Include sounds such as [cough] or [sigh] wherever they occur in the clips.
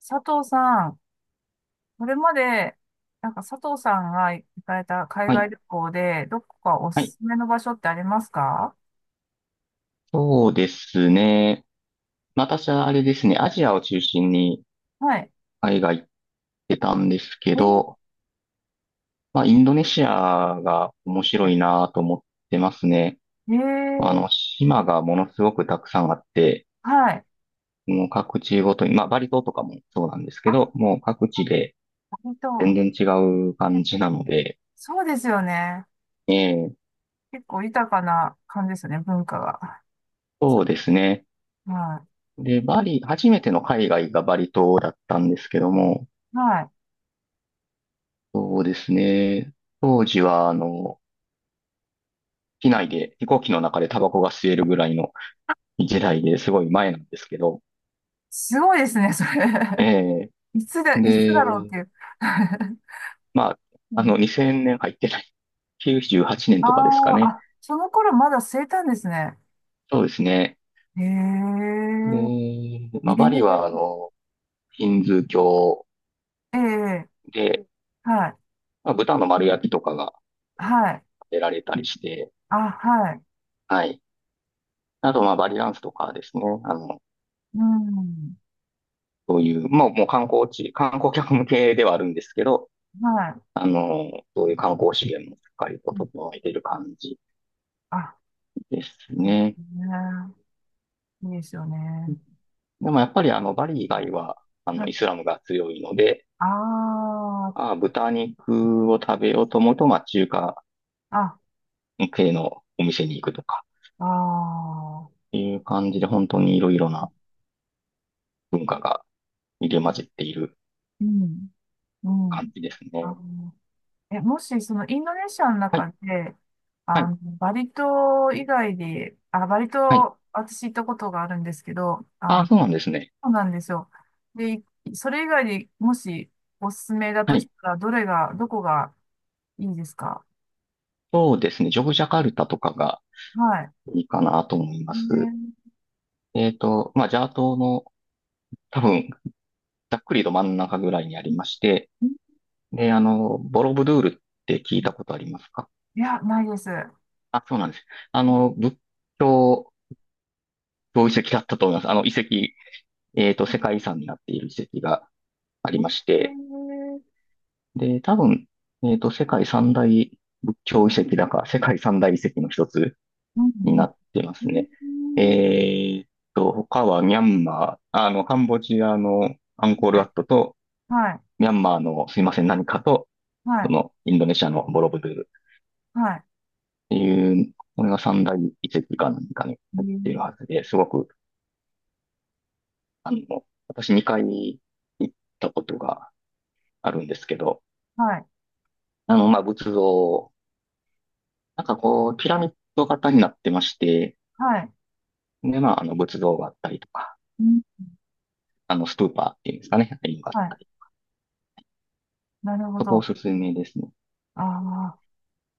佐藤さん、これまで、佐藤さんが行かれた海はい。外旅行で、どこかおはすい。すめの場所ってありますか？そうですね。まあ私はあれですね、アジアを中心にはい。海外行ってたんですけど、えまあ、インドネシアが面白いなと思ってますね。ー、えまあー、の、島がものすごくたくさんあって、はい。もう各地ごとに、まあ、バリ島とかもそうなんですけあ、ど、もう各地で割と、全然違うえ感じなので、そうですよね。ええ、結構豊かな感じですよね、文化が。そそうですね。はで、バリ、初めての海外がバリ島だったんですけども、い。はい。そうですね。当時は、あの、機内で、飛行機の中でタバコが吸えるぐらいの時代ですごい前なんですけど、すごいですね、それ。え [laughs] いつだ、いつだろうっで、ていう。[laughs] まあ、うあの、ん。2000年入ってない。98年あとかですかあ、ね。あ、その頃まだ生いたんですね。そうですね。へえ、で、まあ、バリは、あへの、ヒンズー教え、ええ。で、はい。まあ、豚の丸焼きとかがはい。出られたりして、あ、はい。はい。あと、まあ、バリダンスとかですね。あの、うん。そういう、もう観光地、観光客向けではあるんですけど、はい。あの、そういう観光資源もしっかりとうん。整えている感じあ、ですそうでね。すね。いいですよね。でもやっぱりあの、バうリ以外ん。は、あの、はい。イスラムが強いので、あああ、豚肉を食べようと思うと、まあ、中華あ、あ、系のお店に行くとか、ああ。っていう感じで、本当にいろいろな文化が入り混じっているうん。う感ん。じですね。あの、え、もし、その、インドネシアのはい、中で、はあい、の、バリ島以外で、あ、バリはい。島、私行ったことがあるんですけど、あああ、の、そうなんですね。そうなんですよ。で、それ以外でもし、おすすめだはとしい。たら、どれが、どこがいいですか？そうですね。ジョグジャカルタとかがはい。いいかなと思いえます。ー、まあ、ジャワ島の多分、ざっくりと真ん中ぐらいにありまして、うん。で、あの、ボロブドゥールって聞いたことありますか？いや、ないです。えー。あ、そうなんです。あの、仏教の遺跡だったと思います。あの、遺跡、世界遺産になっている遺跡がありうまして、ん。で、多分、世界三大仏教遺跡だか、世界三大遺跡の一つうん。になってますね。うん。えっ他はミャンマー、あの、カンボジアのアンコールはワい。ットと、はい、ミャンマーのすいません、何かと、はそい、の、インドネシアのボロブドゥールはっていう、これが三大遺跡か何かに入っい、えー、ているはずで、すごくあの、私2回に行ったことがあるんですけど、はい、あの、まあ、仏像、なんかこう、ピラミッド型になってまして、はい、で、まあ、あの、仏像があったりとか、うん、あの、ストゥーパーっていうんですかね、ああいうのがあはっい、たり。なるほそこおど。すすめですね。あ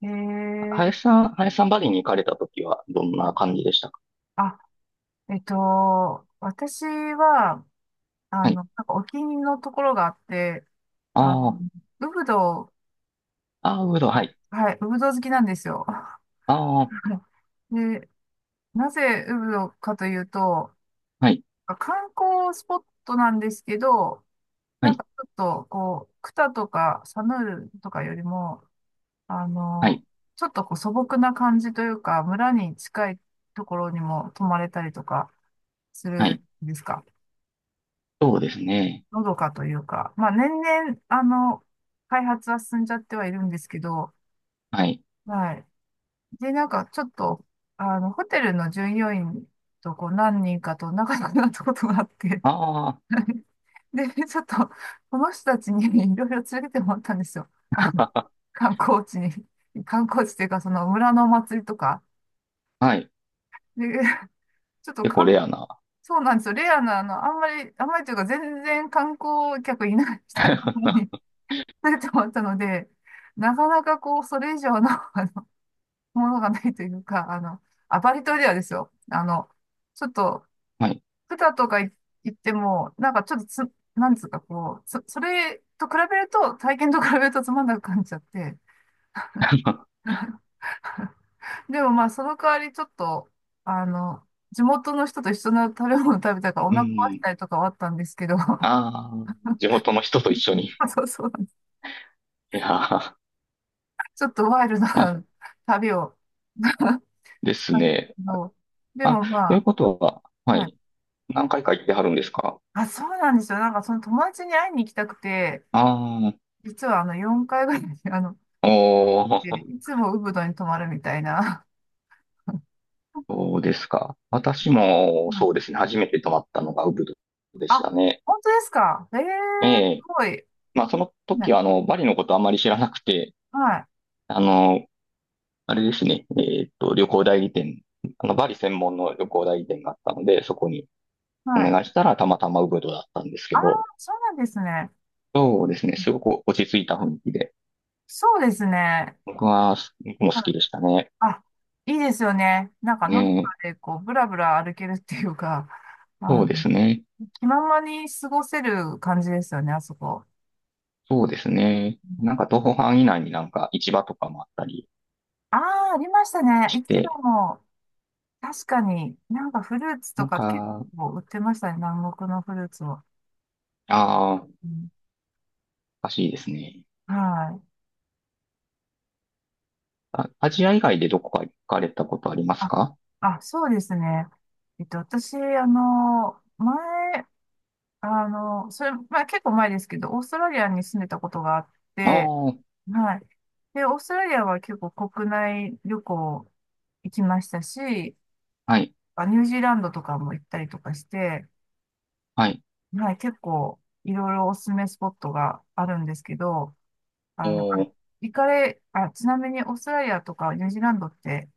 あ、えー、林さん、バリに行かれた時はどんな感じでしたか？あ、えっと、私は、あはの、い。お気に入りのところがあって、あの、ああ、ウブド。ああ、ウード、はあ、い。はい、ウブドウ好きなんですよ。ああ、[laughs] で、なぜウブドウかというと、はい、観光スポットなんですけど、はい、ちょっと、こう、クタとかサヌールとかよりも、あはの、い、ちょっとこう素朴な感じというか、村に近いところにも泊まれたりとかすはるい。んですか。そうですね。のどかというか、まあ年々、あの、開発は進んじゃってはいるんですけど、はい。はい。で、ちょっと、あの、ホテルの従業員とこう何人かと仲良くなったことがあって、あで、[laughs] ちょっと、この人たちに [laughs] いろいろ連れてってもらったんですよ。あの、あ、観光地に。[laughs] 観光地っていうか、その村のお祭りとか。[laughs] はい。で、[laughs] ちょっと結構かレアな。そうなんですよ。レアな、あの、あんまり、あんまりというか、全然観光客いない人 [laughs] はに [laughs] 連れてもらったので、なかなかこう、それ以上の [laughs] のものがないというか、あの、アパリ島ではですよ。あの、ちょっと、い。草とかい言っても、ちょっとなんつうかこう、それと比べると、体験と比べるとつまんなく感じちゃって。[laughs] [laughs] でもまあ、その代わりちょっと、あの、地元の人と一緒の食べ物食べたからおう腹壊しん。たりとかはあったんですけど、ああ、地元の人と一緒に。[laughs] [laughs] そうそう、いやー、ちょっとワイルドまあ、な旅を [laughs] でしすたんですね。けど、であ、もまというあ、ことは、はまあ、い。何回か行ってはるんですか？あ、そうなんですよ。その友達に会いに行きたくて、あ実はあの4回ぐらい、あの、あー、おでー、いつもウブドに泊まるみたいな。[laughs] [laughs] そうですか。私うも、そん。うですね。初めて泊まったのがウブドであ、したね。本当ですか？ええ、ええ。すごい。まあ、その時ね、は、あの、バリのことあまり知らなくて、はい、あの、あれですね。旅行代理店、あの、バリ専門の旅行代理店があったので、そこにおはい。願いしたら、たまたまウブドだったんですけああ、ど、そうなんですね。そうですね。すごく落ち着いた雰囲気で。そうですね。僕は、僕もは好い。きでしたね。あ、いいですよね。ねのどかえ。で、こう、ぶらぶら歩けるっていうか、あそうの、ですね。気ままに過ごせる感じですよね、あそこ。そうですね。なんか、徒歩範囲内になんか市場とかもあったりああ、ありましたね。し一度て、も、確かに、フルーツとなんか結か、構売ってましたね、南国のフルーツを。ああ、おうん。かしいですね。はい。あ、アジア以外でどこか行かれたことありますあ、か？あ、そうですね。えっと、私、あの、前、あの、それ、まあ、結構前ですけど、オーストラリアに住んでたことがあっあて、あー、はい。で、オーストラリアは結構国内旅行行きましたし、はい、あ、ニュージーランドとかも行ったりとかして、はい。はい、結構いろいろおすすめスポットがあるんですけど、あの、行っ行かれ、あ、ちなみにオーストラリアとかニュージーランドって、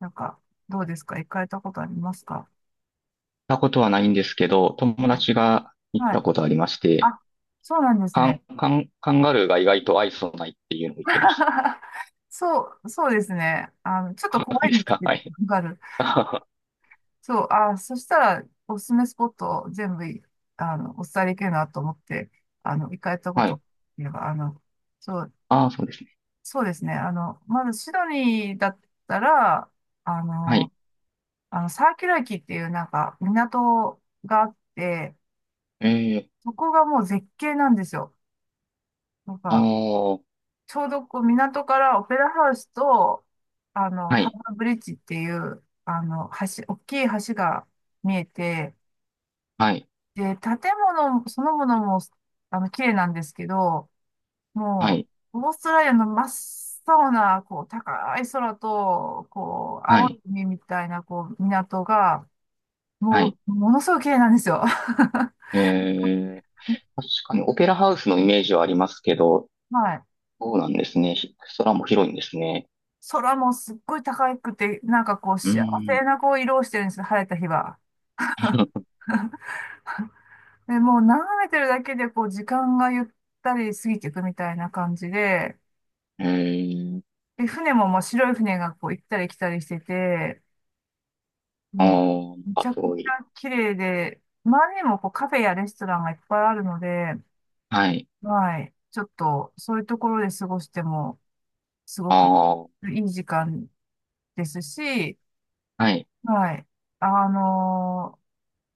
なんか、どうですか、行かれたことありますか？たことはないんですけど、友はい。達が行っはい。たことありまして、あ、そうなんですカね。ン、カン、カンガルーが意外と愛想ないっていうのを言ってました。[laughs] そう、そうですね。あの、ちょっ [laughs] とそうなん怖いでんですすか？けど、はい。わかる。そう、あ、そしたら、おすすめスポットを全部い、あの、お伝えできるなと思って、あの、行かれたこはとい。っていうか、あの、そう、ああ、そうですね。そうですね。あの、まずシドニーだったら、あはの、い。あの、サーキュラ駅っていう港があって、ええ、そこがもう絶景なんですよ。なんああ、か、はちょうどこう港からオペラハウスと、あの、ハーい、バーブリッジっていう、あの、橋、大きい橋が見えて、はい、で、建物そのものも、あの、綺麗なんですけど、はもい、う、オーストラリアの真っ青な、こう、高い空と、こう、は青いい、海みたいな、こう、港が、はもう、い。ものすごく綺麗なんですよ。[laughs] ええ、確かにオペラハウスのイメージはありますけど、はい。そうなんですね。ひ空も広いんですね。空もすっごい高くて、こう、う幸せん。なこう、色をしてるんですよ、晴れた日は。[laughs] で、もう眺めてるだけで、こう、時間がゆったり過ぎていくみたいな感じで、ええ、で、船も、まあ、白い船がこう、行ったり来たりしてて、あもあ、なう、んめちかゃくすちごい。ゃ綺麗で、周りにもこう、カフェやレストランがいっぱいあるので、はい、はい、ちょっと、そういうところで過ごしても、すごくああ、いい時間ですし、はい、はい、あの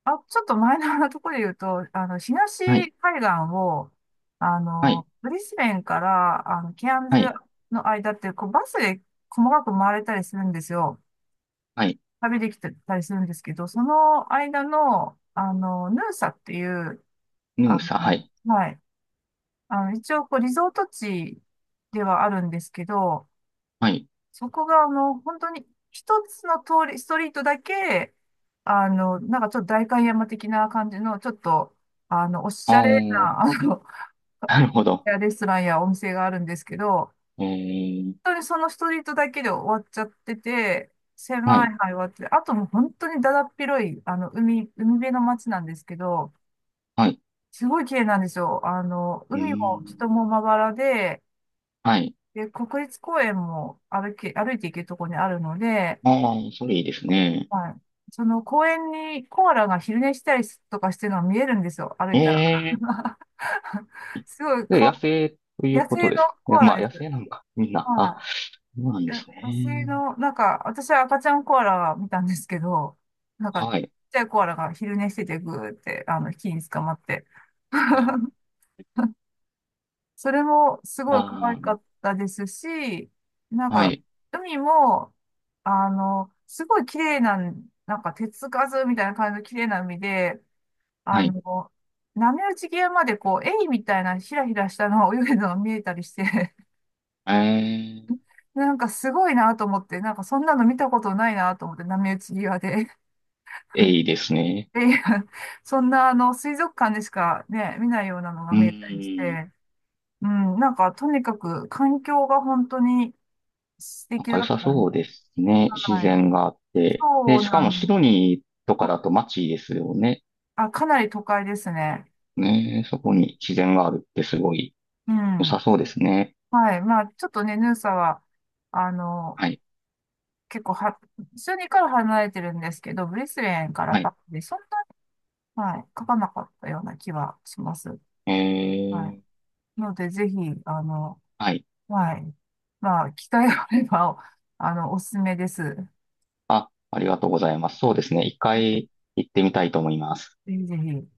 あ、ちょっとマイナーなところで言うと、あの、は東い、海岸を、あはい、の、ブリスベンから、あの、ケアンズはい、の間って、こう、バスで細かく回れたりするんですよ。はい、旅できてたりするんですけど、その間の、あの、ヌーサっていう、ヌーあサ、はい、の、はい。あの、一応、こう、リゾート地ではあるんですけど、はい、そこがもう本当に一つの通り、ストリートだけ、あの、ちょっと代官山的な感じの、ちょっと、あの、おしあゃあ、れな、[laughs] あの、なるほど。レストランやお店があるんですけど、ええ、本当にそのストリートだけで終わっちゃってて、は狭いい、範囲はあって、あともう本当にだだっ広い、あの、海辺の街なんですけど、はい、すごい綺麗なんですよ。あの、う海もん、人もまばらで、はい、で、国立公園も歩いて行けるところにあるので、ああ、それいいですね。はい。その公園にコアラが昼寝したりとかしてるのが見えるんですよ、歩いたら。ええ、 [laughs] すごいで、かわ、野生という野こと生でのすか？いコや、アラまあ、で野す。生なのか、みんな。あ、はそうなんい。でいやす野生ね。の、私は赤ちゃんコアラ見たんですけど、ちっはい。ちゃいコアラが昼寝しててぐーって、あの、木に捕まって。えー [laughs] それもすごい可愛あかー、ったですし、なんはか、い。海も、あの、すごい綺麗な、手つかずみたいな感じの綺麗な海で、あはい。の、波打ち際までこう、エイみたいなひらひらしたのが泳いでるのが見えたりして、えー、[laughs] すごいなと思って、そんなの見たことないなと思って、波打ち際で。いいですね。[laughs] で、そんなあの、水族館でしかね、見ないようなのがう見えたりしーん。て、うん、とにかく環境が本当に素なん敵か良だっさたんそうで、ですね。自はい。然があって。で、そうしかなもんシドニーとかあ、だと街ですよね。かなり都会ですね。ね、そうこん。に自然があるってすごいう良さん。そうですね。はい。まあ、ちょっとね、ヌーサは、あの、はい。結構は、数にから離れてるんですけど、ブリスベンからはバい。ックで、そんな、はい、書かなかったような気はします。えはー、い。ので、ぜひ、あの、はい。はい。まあ、機会があれば、あの、おすすめです。あ、ありがとうございます。そうですね。一回行ってみたいと思います。ぜひぜひ。